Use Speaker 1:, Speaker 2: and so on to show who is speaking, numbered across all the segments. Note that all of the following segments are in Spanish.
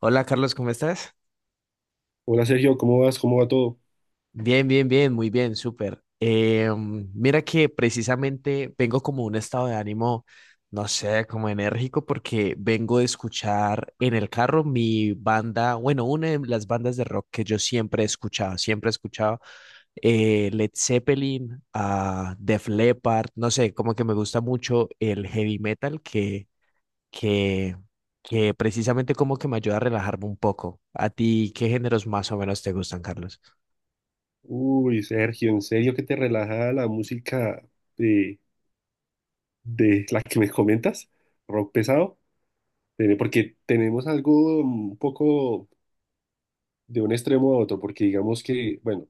Speaker 1: Hola Carlos, ¿cómo estás?
Speaker 2: Hola Sergio, ¿cómo vas? ¿Cómo va todo?
Speaker 1: Bien, bien, bien, muy bien, súper. Mira que precisamente vengo como un estado de ánimo, no sé, como enérgico, porque vengo de escuchar en el carro mi banda, bueno, una de las bandas de rock que yo siempre he escuchado Led Zeppelin, a Def Leppard, no sé, como que me gusta mucho el heavy metal que, que precisamente como que me ayuda a relajarme un poco. ¿A ti qué géneros más o menos te gustan, Carlos?
Speaker 2: Uy, Sergio, ¿en serio que te relaja la música de, de la que me comentas? Rock pesado. Porque tenemos algo un poco de un extremo a otro, porque digamos que, bueno,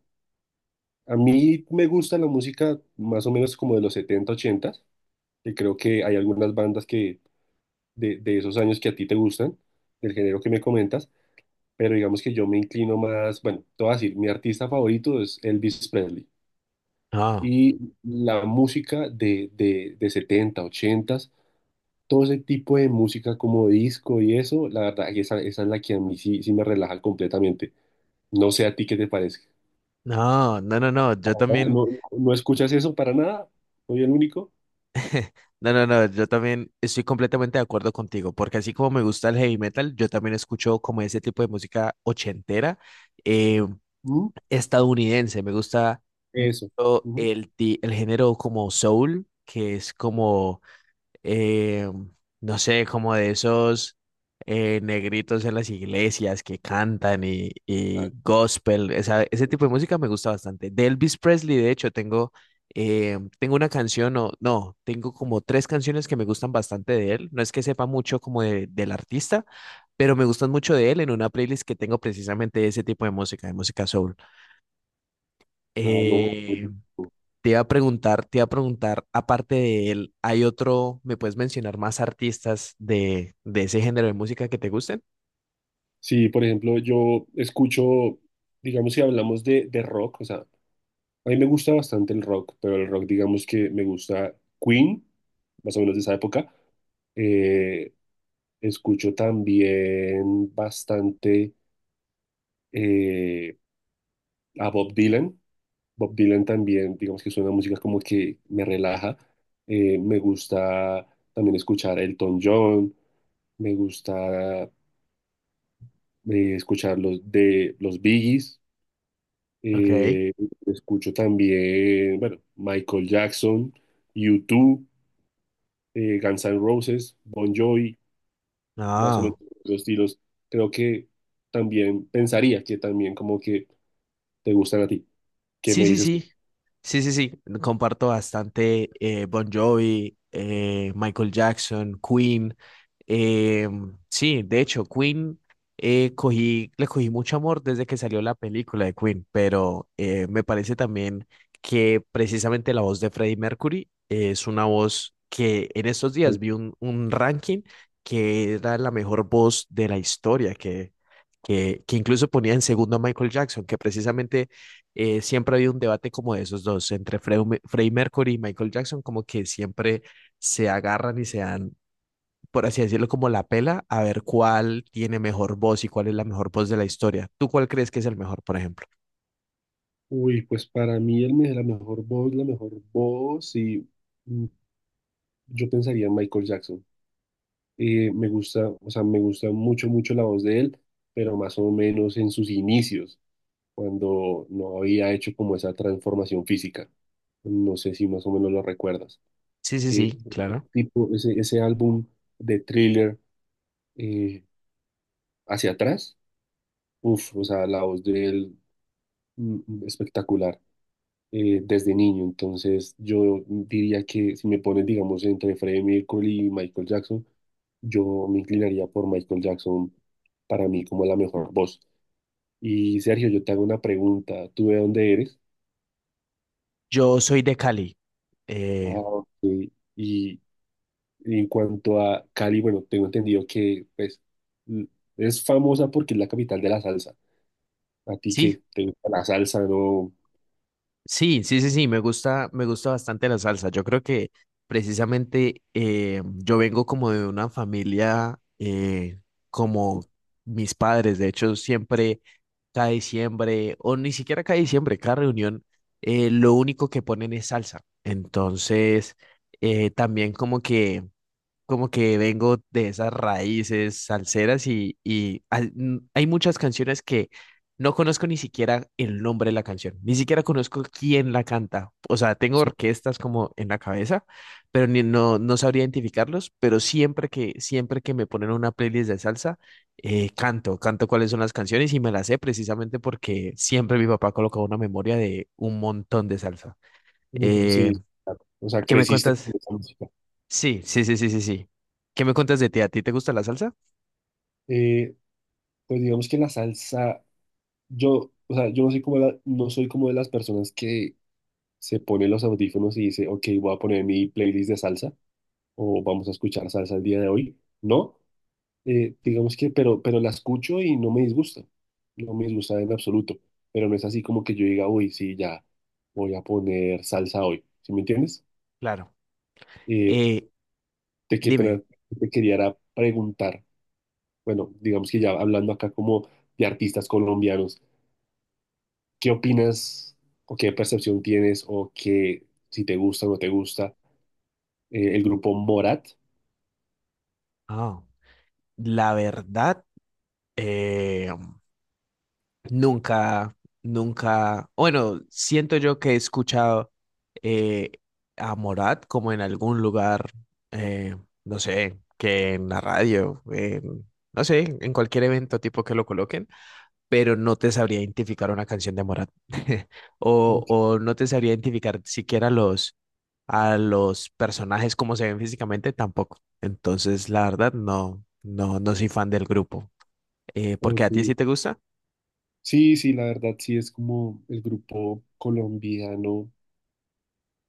Speaker 2: a mí me gusta la música más o menos como de los 70 80, que creo que hay algunas bandas que de esos años que a ti te gustan, del género que me comentas, pero digamos que yo me inclino más, bueno, te voy a decir, mi artista favorito es Elvis Presley.
Speaker 1: No,
Speaker 2: Y la música de 70 80, todo ese tipo de música como disco y eso, la verdad, que esa es la que a mí sí, sí me relaja completamente. No sé a ti qué te parece.
Speaker 1: no, no, no, no,
Speaker 2: ¿Ah?
Speaker 1: yo también,
Speaker 2: ¿No, no escuchas eso para nada? ¿Soy el único?
Speaker 1: no, no, no, yo también estoy completamente de acuerdo contigo, porque así como me gusta el heavy metal, yo también escucho como ese tipo de música ochentera, eh,
Speaker 2: ¿Mm?
Speaker 1: estadounidense, me gusta
Speaker 2: Eso.
Speaker 1: mucho
Speaker 2: Ujú.
Speaker 1: el género como soul, que es como eh, no sé, como de esos negritos en las iglesias que cantan y
Speaker 2: Exacto.
Speaker 1: gospel, ese tipo de música me gusta bastante. De Elvis Presley, de hecho, tengo una canción, o no, tengo como tres canciones que me gustan bastante de él. No es que sepa mucho como del artista, pero me gustan mucho de él en una playlist que tengo precisamente de ese tipo de música soul.
Speaker 2: Ah, no.
Speaker 1: Eh,
Speaker 2: No.
Speaker 1: te iba a preguntar, te iba a preguntar, aparte de él, ¿hay otro, me puedes mencionar más artistas de ese género de música que te gusten?
Speaker 2: Sí, por ejemplo, yo escucho, digamos, si hablamos de rock, o sea, a mí me gusta bastante el rock, pero el rock, digamos que me gusta Queen, más o menos de esa época. Eh, Escucho también bastante eh, a Bob Dylan. Bob Dylan también, digamos que es una música como que me relaja. Me gusta también escuchar Elton John. Me gusta escuchar los de los Biggies.
Speaker 1: Ok.
Speaker 2: Eh, Escucho también, bueno, Michael Jackson, U2, Guns N' Roses, Bon Jovi. Más o
Speaker 1: Ah.
Speaker 2: menos los estilos, creo que también pensaría que también como que te gustan a ti, qué
Speaker 1: Sí,
Speaker 2: me
Speaker 1: sí,
Speaker 2: dices.
Speaker 1: sí. Sí, sí, sí. Comparto bastante Bon Jovi, Michael Jackson, Queen. eh, sí, de hecho, Queen, le cogí mucho amor desde que salió la película de Queen, pero me parece también que precisamente la voz de Freddie Mercury es una voz que en estos días vi un ranking que era la mejor voz de la historia, que incluso ponía en segundo a Michael Jackson, que precisamente siempre ha habido un debate como de esos dos, entre Freddie Mercury y Michael Jackson, como que siempre se agarran y se dan, por así decirlo, como la pela a ver cuál tiene mejor voz y cuál es la mejor voz de la historia. ¿Tú cuál crees que es el mejor, por ejemplo?
Speaker 2: Uy, pues para mí él me la mejor voz, y mm, yo pensaría en Michael Jackson. Me gusta, o sea, me gusta mucho, mucho la voz de él, pero más o menos en sus inicios, cuando no había hecho como esa transformación física. No sé si más o menos lo recuerdas.
Speaker 1: Sí, sí,
Speaker 2: Eh,
Speaker 1: sí, claro.
Speaker 2: Tipo, ese álbum de Thriller eh, hacia atrás. Uf, o sea, la voz de él espectacular, desde niño. Entonces, yo diría que si me pones, digamos, entre Freddie Mercury y Michael Jackson, yo me inclinaría por Michael Jackson para mí como la mejor voz. Y Sergio, yo te hago una pregunta. ¿Tú de dónde eres?
Speaker 1: Yo soy de Cali.
Speaker 2: Ah,
Speaker 1: Eh,
Speaker 2: ok. Y, y en cuanto a Cali, bueno, tengo entendido que pues l- es famosa porque es la capital de la salsa. ¿A ti
Speaker 1: sí,
Speaker 2: qué? ¿Te gusta la salsa, no?
Speaker 1: sí, sí, sí, sí, me gusta bastante la salsa. Yo creo que precisamente yo vengo como de una familia, como mis padres, de hecho, siempre cada diciembre, o ni siquiera cada diciembre, cada reunión, lo único que ponen es salsa. Entonces, también como que vengo de esas raíces salseras y, hay muchas canciones que no conozco ni siquiera el nombre de la canción, ni siquiera conozco quién la canta. O sea, tengo orquestas como en la cabeza, pero no, no sabría identificarlos, pero siempre que me ponen una playlist de salsa, canto, canto cuáles son las canciones y me las sé precisamente porque siempre mi papá colocaba una memoria de un montón de salsa.
Speaker 2: Entonces,
Speaker 1: Eh,
Speaker 2: sí, sí, claro. O sea,
Speaker 1: ¿Qué me
Speaker 2: creciste
Speaker 1: cuentas?
Speaker 2: con esa música.
Speaker 1: Sí, sí, sí, sí, sí, sí. ¿Qué me cuentas de ti? ¿A ti te gusta la salsa?
Speaker 2: Eh, pues digamos que la salsa, yo, o sea, yo no soy como no soy como de las personas que se ponen los audífonos y dice, ok, voy a poner mi playlist de salsa o vamos a escuchar salsa el día de hoy. No, digamos que, pero la escucho y no me disgusta, no me disgusta en absoluto, pero no es así como que yo diga, uy, sí, ya voy a poner salsa hoy, ¿sí me entiendes?
Speaker 1: Claro.
Speaker 2: Eh,
Speaker 1: Eh,
Speaker 2: Te,
Speaker 1: Dime.
Speaker 2: te quería era preguntar. Bueno, digamos que ya hablando acá como de artistas colombianos, ¿qué opinas o qué percepción tienes o qué, si te gusta o no te gusta, el grupo Morat?
Speaker 1: Ah, la verdad, eh, nunca, nunca, bueno, siento yo que he escuchado eh, a Morat como en algún lugar, eh, no sé, que en la radio, en- no sé, en cualquier evento tipo que lo coloquen, pero no te sabría identificar una canción de Morat
Speaker 2: Ok,
Speaker 1: o no te sabría identificar siquiera los... a los personajes como se ven físicamente tampoco. Entonces, la verdad, no, no, no soy fan del grupo. ¿Por qué a ti
Speaker 2: ok.
Speaker 1: sí te gusta?
Speaker 2: Sí, sí, la verdad sí es como el grupo colombiano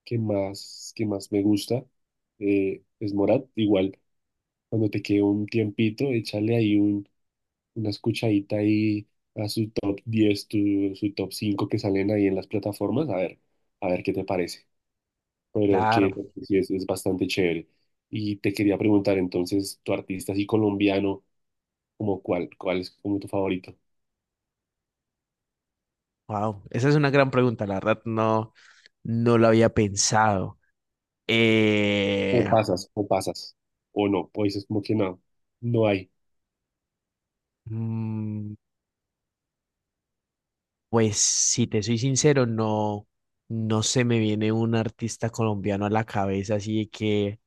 Speaker 2: que más me gusta, es Morat. Igual, cuando te quede un tiempito, échale ahí un, una escuchadita ahí a su top 10 su top 5 que salen ahí en las plataformas, a ver qué te parece. Pero que
Speaker 1: Claro.
Speaker 2: pues, sí es bastante chévere. Y te quería preguntar entonces, tu artista así colombiano, ¿como cuál es como tu favorito?
Speaker 1: Wow, esa es una gran pregunta, la verdad, no, no lo había pensado.
Speaker 2: O
Speaker 1: Eh,
Speaker 2: pasas, o pasas, o no, o dices como que no, no hay.
Speaker 1: mm, pues si te soy sincero, no, no se me viene un artista colombiano a la cabeza así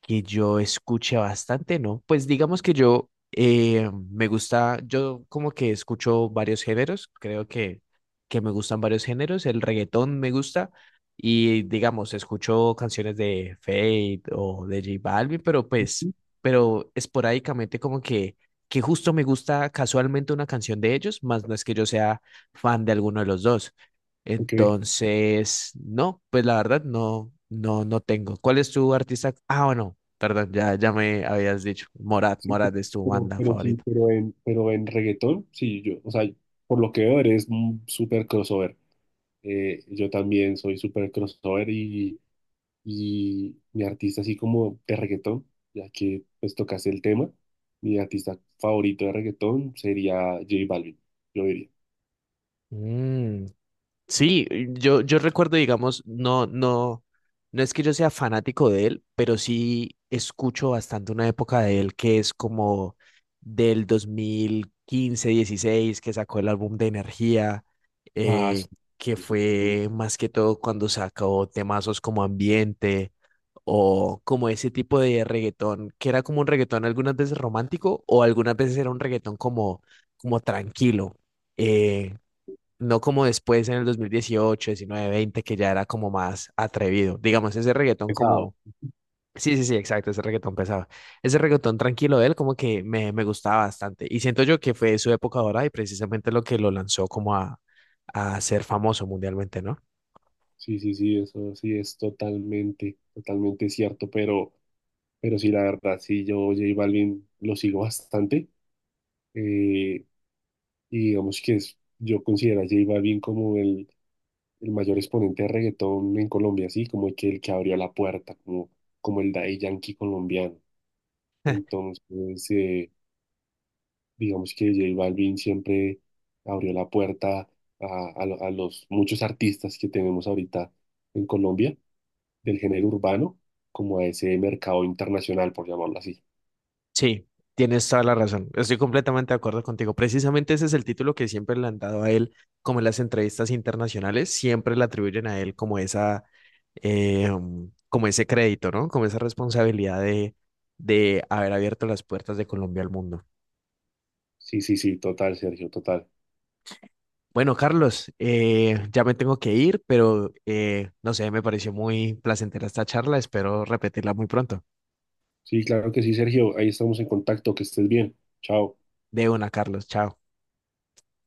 Speaker 1: que yo escuche bastante, ¿no? Pues digamos que yo me gusta, yo como que escucho varios géneros, creo que me gustan varios géneros, el reggaetón me gusta y digamos, escucho canciones de Fate o de J Balvin, pero pues, pero esporádicamente como que justo me gusta casualmente una canción de ellos, más no es que yo sea fan de alguno de los dos.
Speaker 2: Ok,
Speaker 1: Entonces, no, pues la verdad no, no, no tengo. ¿Cuál es tu artista? Ah, bueno, perdón, ya, ya me habías dicho. Morat,
Speaker 2: sí,
Speaker 1: Morat es tu
Speaker 2: pero,
Speaker 1: banda
Speaker 2: pero sí,
Speaker 1: favorita.
Speaker 2: pero en reggaetón, sí, yo, o sea, por lo que veo eres un súper crossover. Yo también soy súper crossover y mi artista así como de reggaetón, ya que pues tocaste el tema, mi artista favorito de reggaetón sería J Balvin, yo diría.
Speaker 1: Mm, Sí, yo recuerdo, digamos, no, no, no es que yo sea fanático de él, pero sí escucho bastante una época de él que es como del 2015, 16 que sacó el álbum de Energía,
Speaker 2: Ah, sí,
Speaker 1: eh, que
Speaker 2: sí, sí.
Speaker 1: fue más que todo cuando sacó temazos como Ambiente o como ese tipo de reggaetón, que era como un reggaetón algunas veces romántico o algunas veces era un reggaetón como, como tranquilo. Eh, no como después en el 2018, 19, 20, que ya era como más atrevido. Digamos, ese reggaetón
Speaker 2: Pesado.
Speaker 1: como... Sí, sí, sí, exacto, ese reggaetón pesado. Ese reggaetón tranquilo de él como que me gustaba bastante. Y siento yo que fue su época ahora y precisamente lo que lo lanzó como a ser famoso mundialmente, ¿no?
Speaker 2: Sí, sí, sí, eso sí es totalmente, totalmente cierto, pero sí, la verdad, sí, yo J Balvin lo sigo bastante, eh, y digamos que yo considero a J Balvin como el mayor exponente de reggaetón en Colombia, sí, como el que abrió la puerta, como el Daddy Yankee colombiano. Entonces, eh, digamos que J Balvin siempre abrió la puerta a los muchos artistas que tenemos ahorita en Colombia, del género urbano, como a ese mercado internacional, por llamarlo así.
Speaker 1: Sí, tienes toda la razón. Estoy completamente de acuerdo contigo. Precisamente ese es el título que siempre le han dado a él, como en las entrevistas internacionales, siempre le atribuyen a él como esa, como ese crédito, ¿no? Como esa responsabilidad de haber abierto las puertas de Colombia al mundo.
Speaker 2: Sí, sí, sí, total, Sergio, total.
Speaker 1: Bueno, Carlos, ya me tengo que ir, pero no sé, me pareció muy placentera esta charla. Espero repetirla muy pronto.
Speaker 2: Sí, claro que sí, Sergio, ahí estamos en contacto, que estés bien. Chao.
Speaker 1: De una, Carlos. Chao.